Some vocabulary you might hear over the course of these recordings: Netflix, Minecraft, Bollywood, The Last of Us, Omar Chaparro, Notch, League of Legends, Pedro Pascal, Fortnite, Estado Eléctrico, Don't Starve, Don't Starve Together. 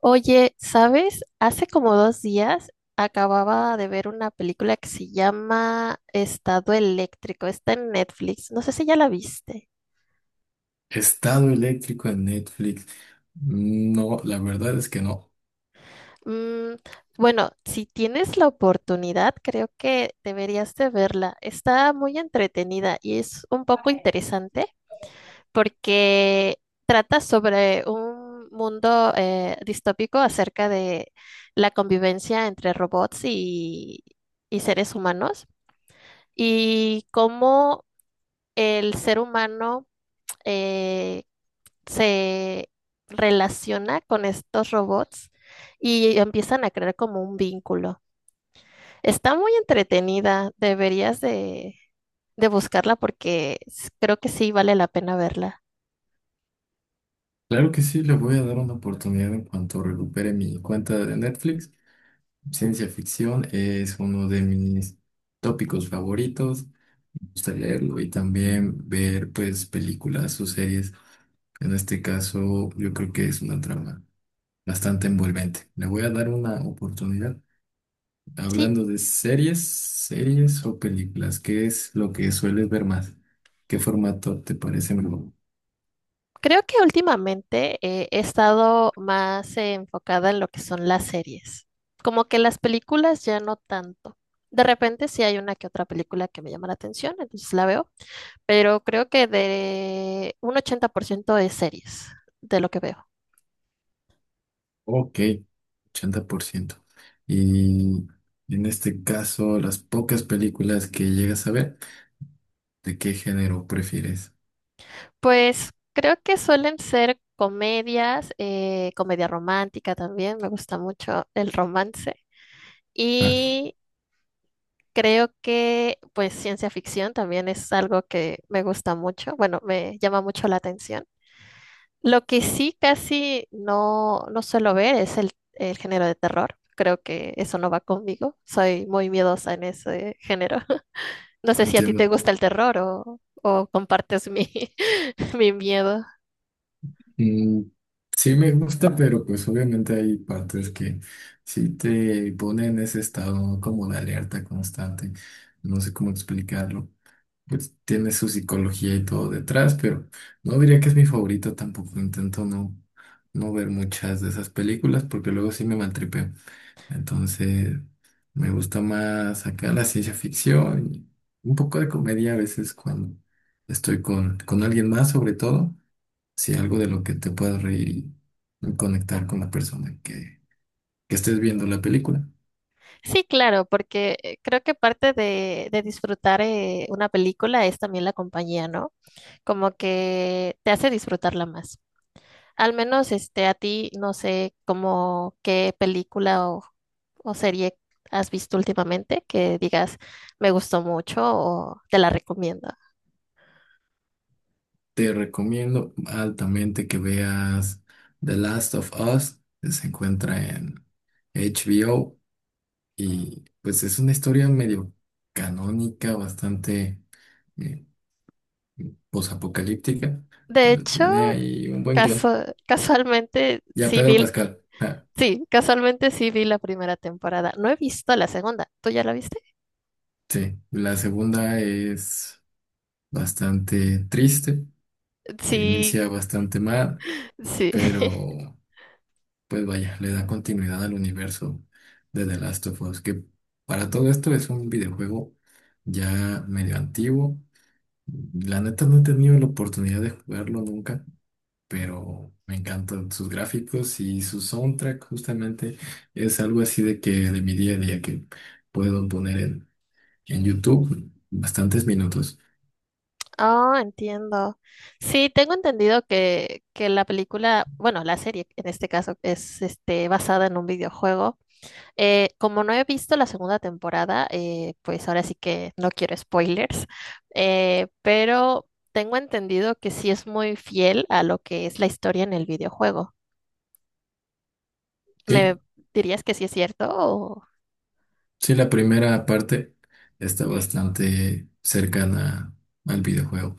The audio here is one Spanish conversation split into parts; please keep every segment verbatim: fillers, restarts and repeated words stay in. Oye, ¿sabes? Hace como dos días acababa de ver una película que se llama Estado Eléctrico. Está en Netflix. No sé si ya la viste. Estado eléctrico en Netflix. No, la verdad es que no. Mm, bueno, si tienes la oportunidad, creo que deberías de verla. Está muy entretenida y es un poco interesante porque trata sobre un mundo eh, distópico acerca de la convivencia entre robots y y seres humanos. Y cómo el ser humano eh, se relaciona con estos robots y empiezan a crear como un vínculo. Está muy entretenida, deberías de, de buscarla porque s- creo que sí vale la pena verla. Claro que sí, le voy a dar una oportunidad en cuanto recupere mi cuenta de Netflix. Ciencia ficción es uno de mis tópicos favoritos. Me gusta leerlo y también ver pues películas o series. En este caso, yo creo que es una trama bastante envolvente. Le voy a dar una oportunidad. Sí, Hablando de series, series o películas, ¿qué es lo que sueles ver más? ¿Qué formato te parece mejor? creo que últimamente eh, he estado más eh, enfocada en lo que son las series, como que las películas ya no tanto. De repente sí hay una que otra película que me llama la atención, entonces la veo, pero creo que de un ochenta por ciento de series, de lo que veo. Ok, ochenta por ciento. Y en este caso, las pocas películas que llegas a ver, ¿de qué género prefieres? Pues creo que suelen ser comedias, eh, comedia romántica también, me gusta mucho el romance. Ah, Y creo que pues ciencia ficción también es algo que me gusta mucho, bueno, me llama mucho la atención. Lo que sí casi no, no suelo ver es el, el género de terror. Creo que eso no va conmigo. Soy muy miedosa en ese género. No sé si a ti te entiendo. gusta el terror o, o compartes mi, mi miedo. Mm, sí me gusta, pero pues obviamente hay partes que sí te ponen en ese estado como de alerta constante. No sé cómo explicarlo. Pues tiene su psicología y todo detrás, pero no diría que es mi favorito tampoco. Intento no, no ver muchas de esas películas porque luego sí me maltripeo. Entonces, me gusta más acá la ciencia ficción y un poco de comedia a veces cuando estoy con, con alguien más, sobre todo, si algo de lo que te puedas reír y, y conectar con la persona que, que estés viendo la película. Sí, claro, porque eh, creo que parte de, de disfrutar eh, una película es también la compañía, ¿no? Como que te hace disfrutarla más. Al menos este, a ti, no sé como qué película o, o serie has visto últimamente que digas me gustó mucho o te la recomiendo. Te recomiendo altamente que veas The Last of Us, que se encuentra en H B O y pues es una historia medio canónica, bastante eh, posapocalíptica, De pero hecho, tiene ahí un buen guión. casu- casualmente Ya sí Pedro vi, Pascal. ah, sí, casualmente sí vi la primera temporada. No he visto la segunda. ¿Tú ya la viste? Sí, la segunda es bastante triste, Sí, inicia bastante mal, sí. pero pues vaya, le da continuidad al universo de The Last of Us, que para todo esto es un videojuego ya medio antiguo. La neta no he tenido la oportunidad de jugarlo nunca, pero me encantan sus gráficos y su soundtrack justamente es algo así de que de mi día a día que puedo poner en, en YouTube bastantes minutos. Oh, entiendo. Sí, tengo entendido que, que la película, bueno, la serie en este caso es este, basada en un videojuego. Eh, como no he visto la segunda temporada, eh, pues ahora sí que no quiero spoilers, eh, pero tengo entendido que sí es muy fiel a lo que es la historia en el videojuego. ¿Me Sí, dirías que sí es cierto? O- sí, la primera parte está bastante cercana al videojuego.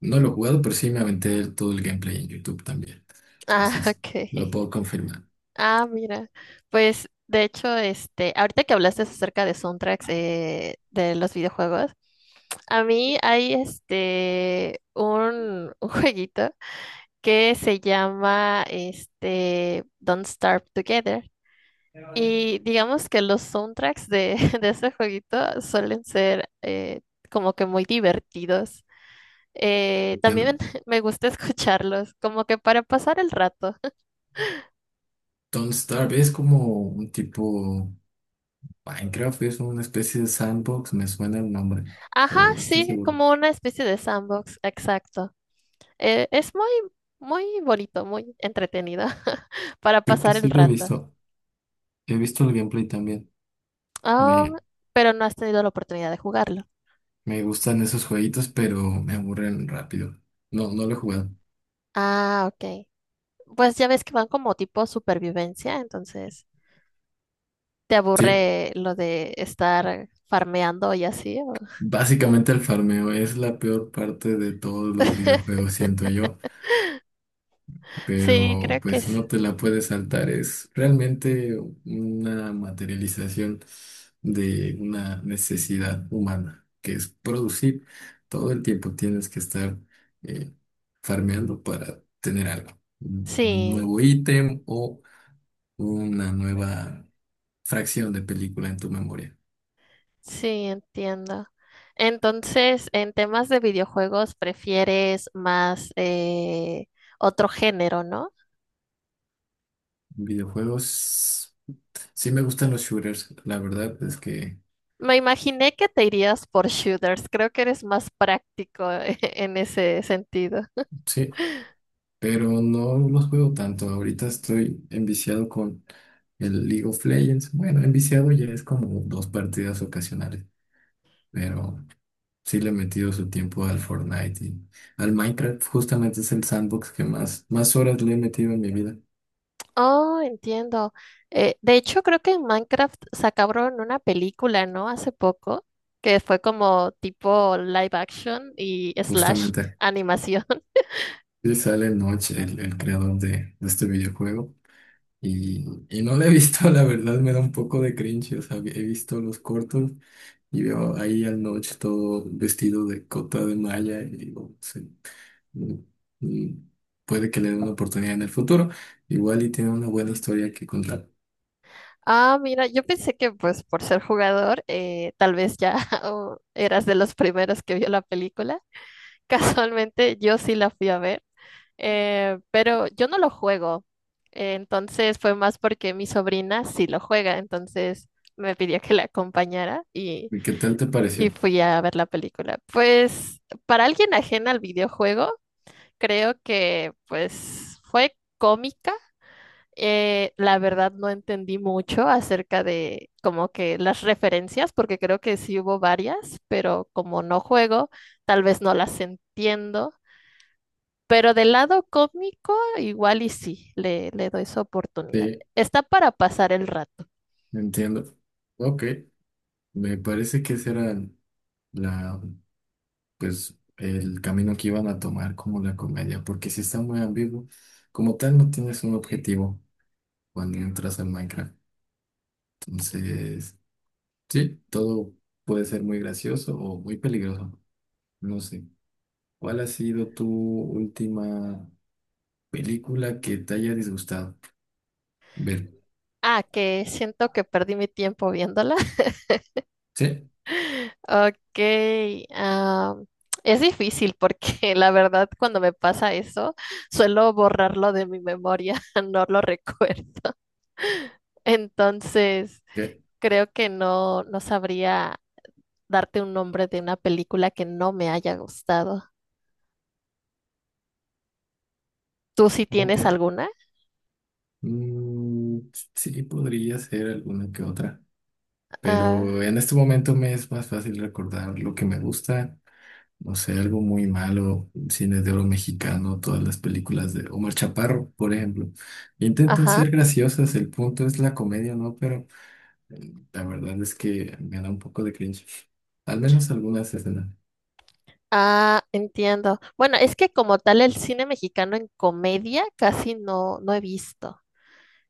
No lo he jugado, pero sí me aventé todo el gameplay en YouTube también. Ah, Entonces, lo ok. puedo confirmar. Ah, mira. Pues de hecho, este, ahorita que hablaste acerca de soundtracks eh, de los videojuegos, a mí hay este un, un jueguito que se llama este Don't Starve Together. Y digamos que los soundtracks de, de ese jueguito suelen ser eh, como que muy divertidos. Eh, también Entiendo. me gusta escucharlos, como que para pasar el rato. Don't Starve es como un tipo Minecraft, es una especie de sandbox, me suena el nombre, Ajá, pero no estoy sí, seguro. como una especie de sandbox, exacto. Eh, es muy, muy bonito, muy entretenido para Creo que pasar el sí lo he rato. visto. He visto el gameplay también. Oh, Me, pero no has tenido la oportunidad de jugarlo. me gustan esos jueguitos, pero me aburren rápido. No, no lo he jugado. Ah, ok. Pues ya ves que van como tipo supervivencia, entonces te Sí, aburre lo de estar farmeando y así. O- básicamente el farmeo es la peor parte de todos los videojuegos, siento yo. Sí, Pero creo que pues es. no te la puedes saltar. Es realmente una materialización de una necesidad humana, que es producir. Todo el tiempo tienes que estar eh, farmeando para tener algo, un un Sí, nuevo ítem o una nueva fracción de película en tu memoria. sí, entiendo. Entonces, en temas de videojuegos, prefieres más eh, otro género, ¿no? Videojuegos, sí me gustan los shooters, la verdad es que Me imaginé que te irías por shooters. Creo que eres más práctico en ese sentido. sí. Pero no los juego tanto. Ahorita estoy enviciado con el League of Legends. Bueno, enviciado ya es como dos partidas ocasionales, pero sí le he metido su tiempo al Fortnite y al Minecraft. Justamente es el sandbox que más, más horas le he metido en mi vida. Oh, entiendo. Eh, de hecho, creo que en Minecraft sacaron una película, ¿no? Hace poco, que fue como tipo live action y slash Justamente. animación. Sí sale Notch, el, el creador de, de este videojuego. Y, y no lo he visto, la verdad me da un poco de cringe. O sea, he visto los cortos y veo ahí al Notch todo vestido de cota de malla y digo, sí. mm, mm, Puede que le den una oportunidad en el futuro. Igual y tiene una buena historia que contar. Ah, mira, yo pensé que pues por ser jugador, eh, tal vez ya o eras de los primeros que vio la película. Casualmente, yo sí la fui a ver, eh, pero yo no lo juego. Eh, entonces fue más porque mi sobrina sí lo juega, entonces me pidió que la acompañara y... ¿Y qué tal te Y pareció? fui a ver la película. Pues para alguien ajena al videojuego, creo que pues fue cómica. Eh, la verdad no entendí mucho acerca de como que las referencias, porque creo que sí hubo varias, pero como no juego, tal vez no las entiendo. Pero del lado cómico, igual y sí, le, le doy su oportunidad. Sí, Está para pasar el rato. entiendo. Ok, me parece que ese era la, pues, el camino que iban a tomar como la comedia, porque si está muy ambiguo, como tal no tienes un objetivo cuando entras al Minecraft. Entonces, sí, todo puede ser muy gracioso o muy peligroso. No sé. ¿Cuál ha sido tu última? Película que te haya disgustado. Ver. Ah, que siento que perdí mi tiempo viéndola. Sí. Ok, ah, es difícil porque la verdad cuando me pasa eso suelo borrarlo de mi memoria, no lo recuerdo. Entonces, Ok. creo que no, no sabría darte un nombre de una película que no me haya gustado. ¿Tú sí tienes Ok. alguna? Mm, sí, podría ser alguna que otra. Ah, Pero en este momento me es más fácil recordar lo que me gusta. No sé, algo muy malo, cine de oro mexicano, todas las películas de Omar Chaparro, por ejemplo. Intentan ajá. ser graciosas, el punto es la comedia, ¿no? Pero eh, la verdad es que me da un poco de cringe. Al menos algunas escenas. Ah, entiendo. Bueno, es que como tal el cine mexicano en comedia casi no, no he visto.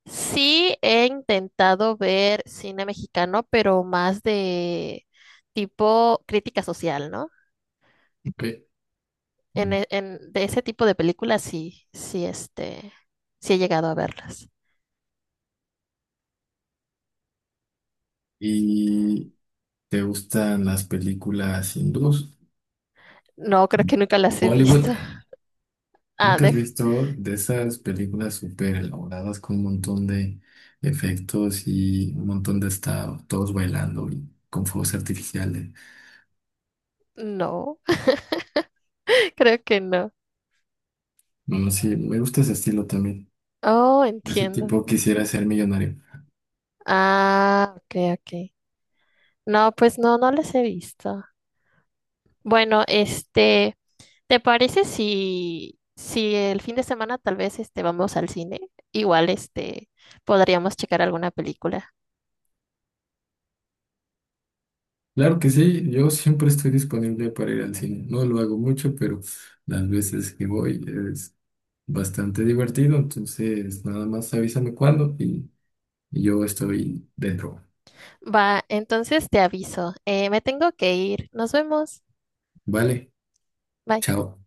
Sí, he intentado ver cine mexicano, pero más de tipo crítica social, ¿no? Ok. En, e- en- de ese tipo de películas sí, sí, este, sí he llegado a verlas. Y ¿te gustan las películas hindús? No, creo que nunca las he visto. Bollywood. Ah, ¿Nunca de, has visto de esas películas súper elaboradas con un montón de efectos y un montón de estados, todos bailando y con fuegos artificiales? no, creo que no. No, no, sí, me gusta ese estilo también. Oh, Ese entiendo. tipo quisiera ser millonario. Ah, ok, ok. No, pues no, no las he visto. Bueno, este. ¿Te parece si, si el fin de semana tal vez este, vamos al cine? Igual este, podríamos checar alguna película. Claro que sí, yo siempre estoy disponible para ir al cine. No lo hago mucho, pero las veces que voy es bastante divertido. Entonces, nada más avísame cuándo y y yo estoy dentro. Va, entonces te aviso. Eh, me tengo que ir. Nos vemos. Vale, Bye. chao.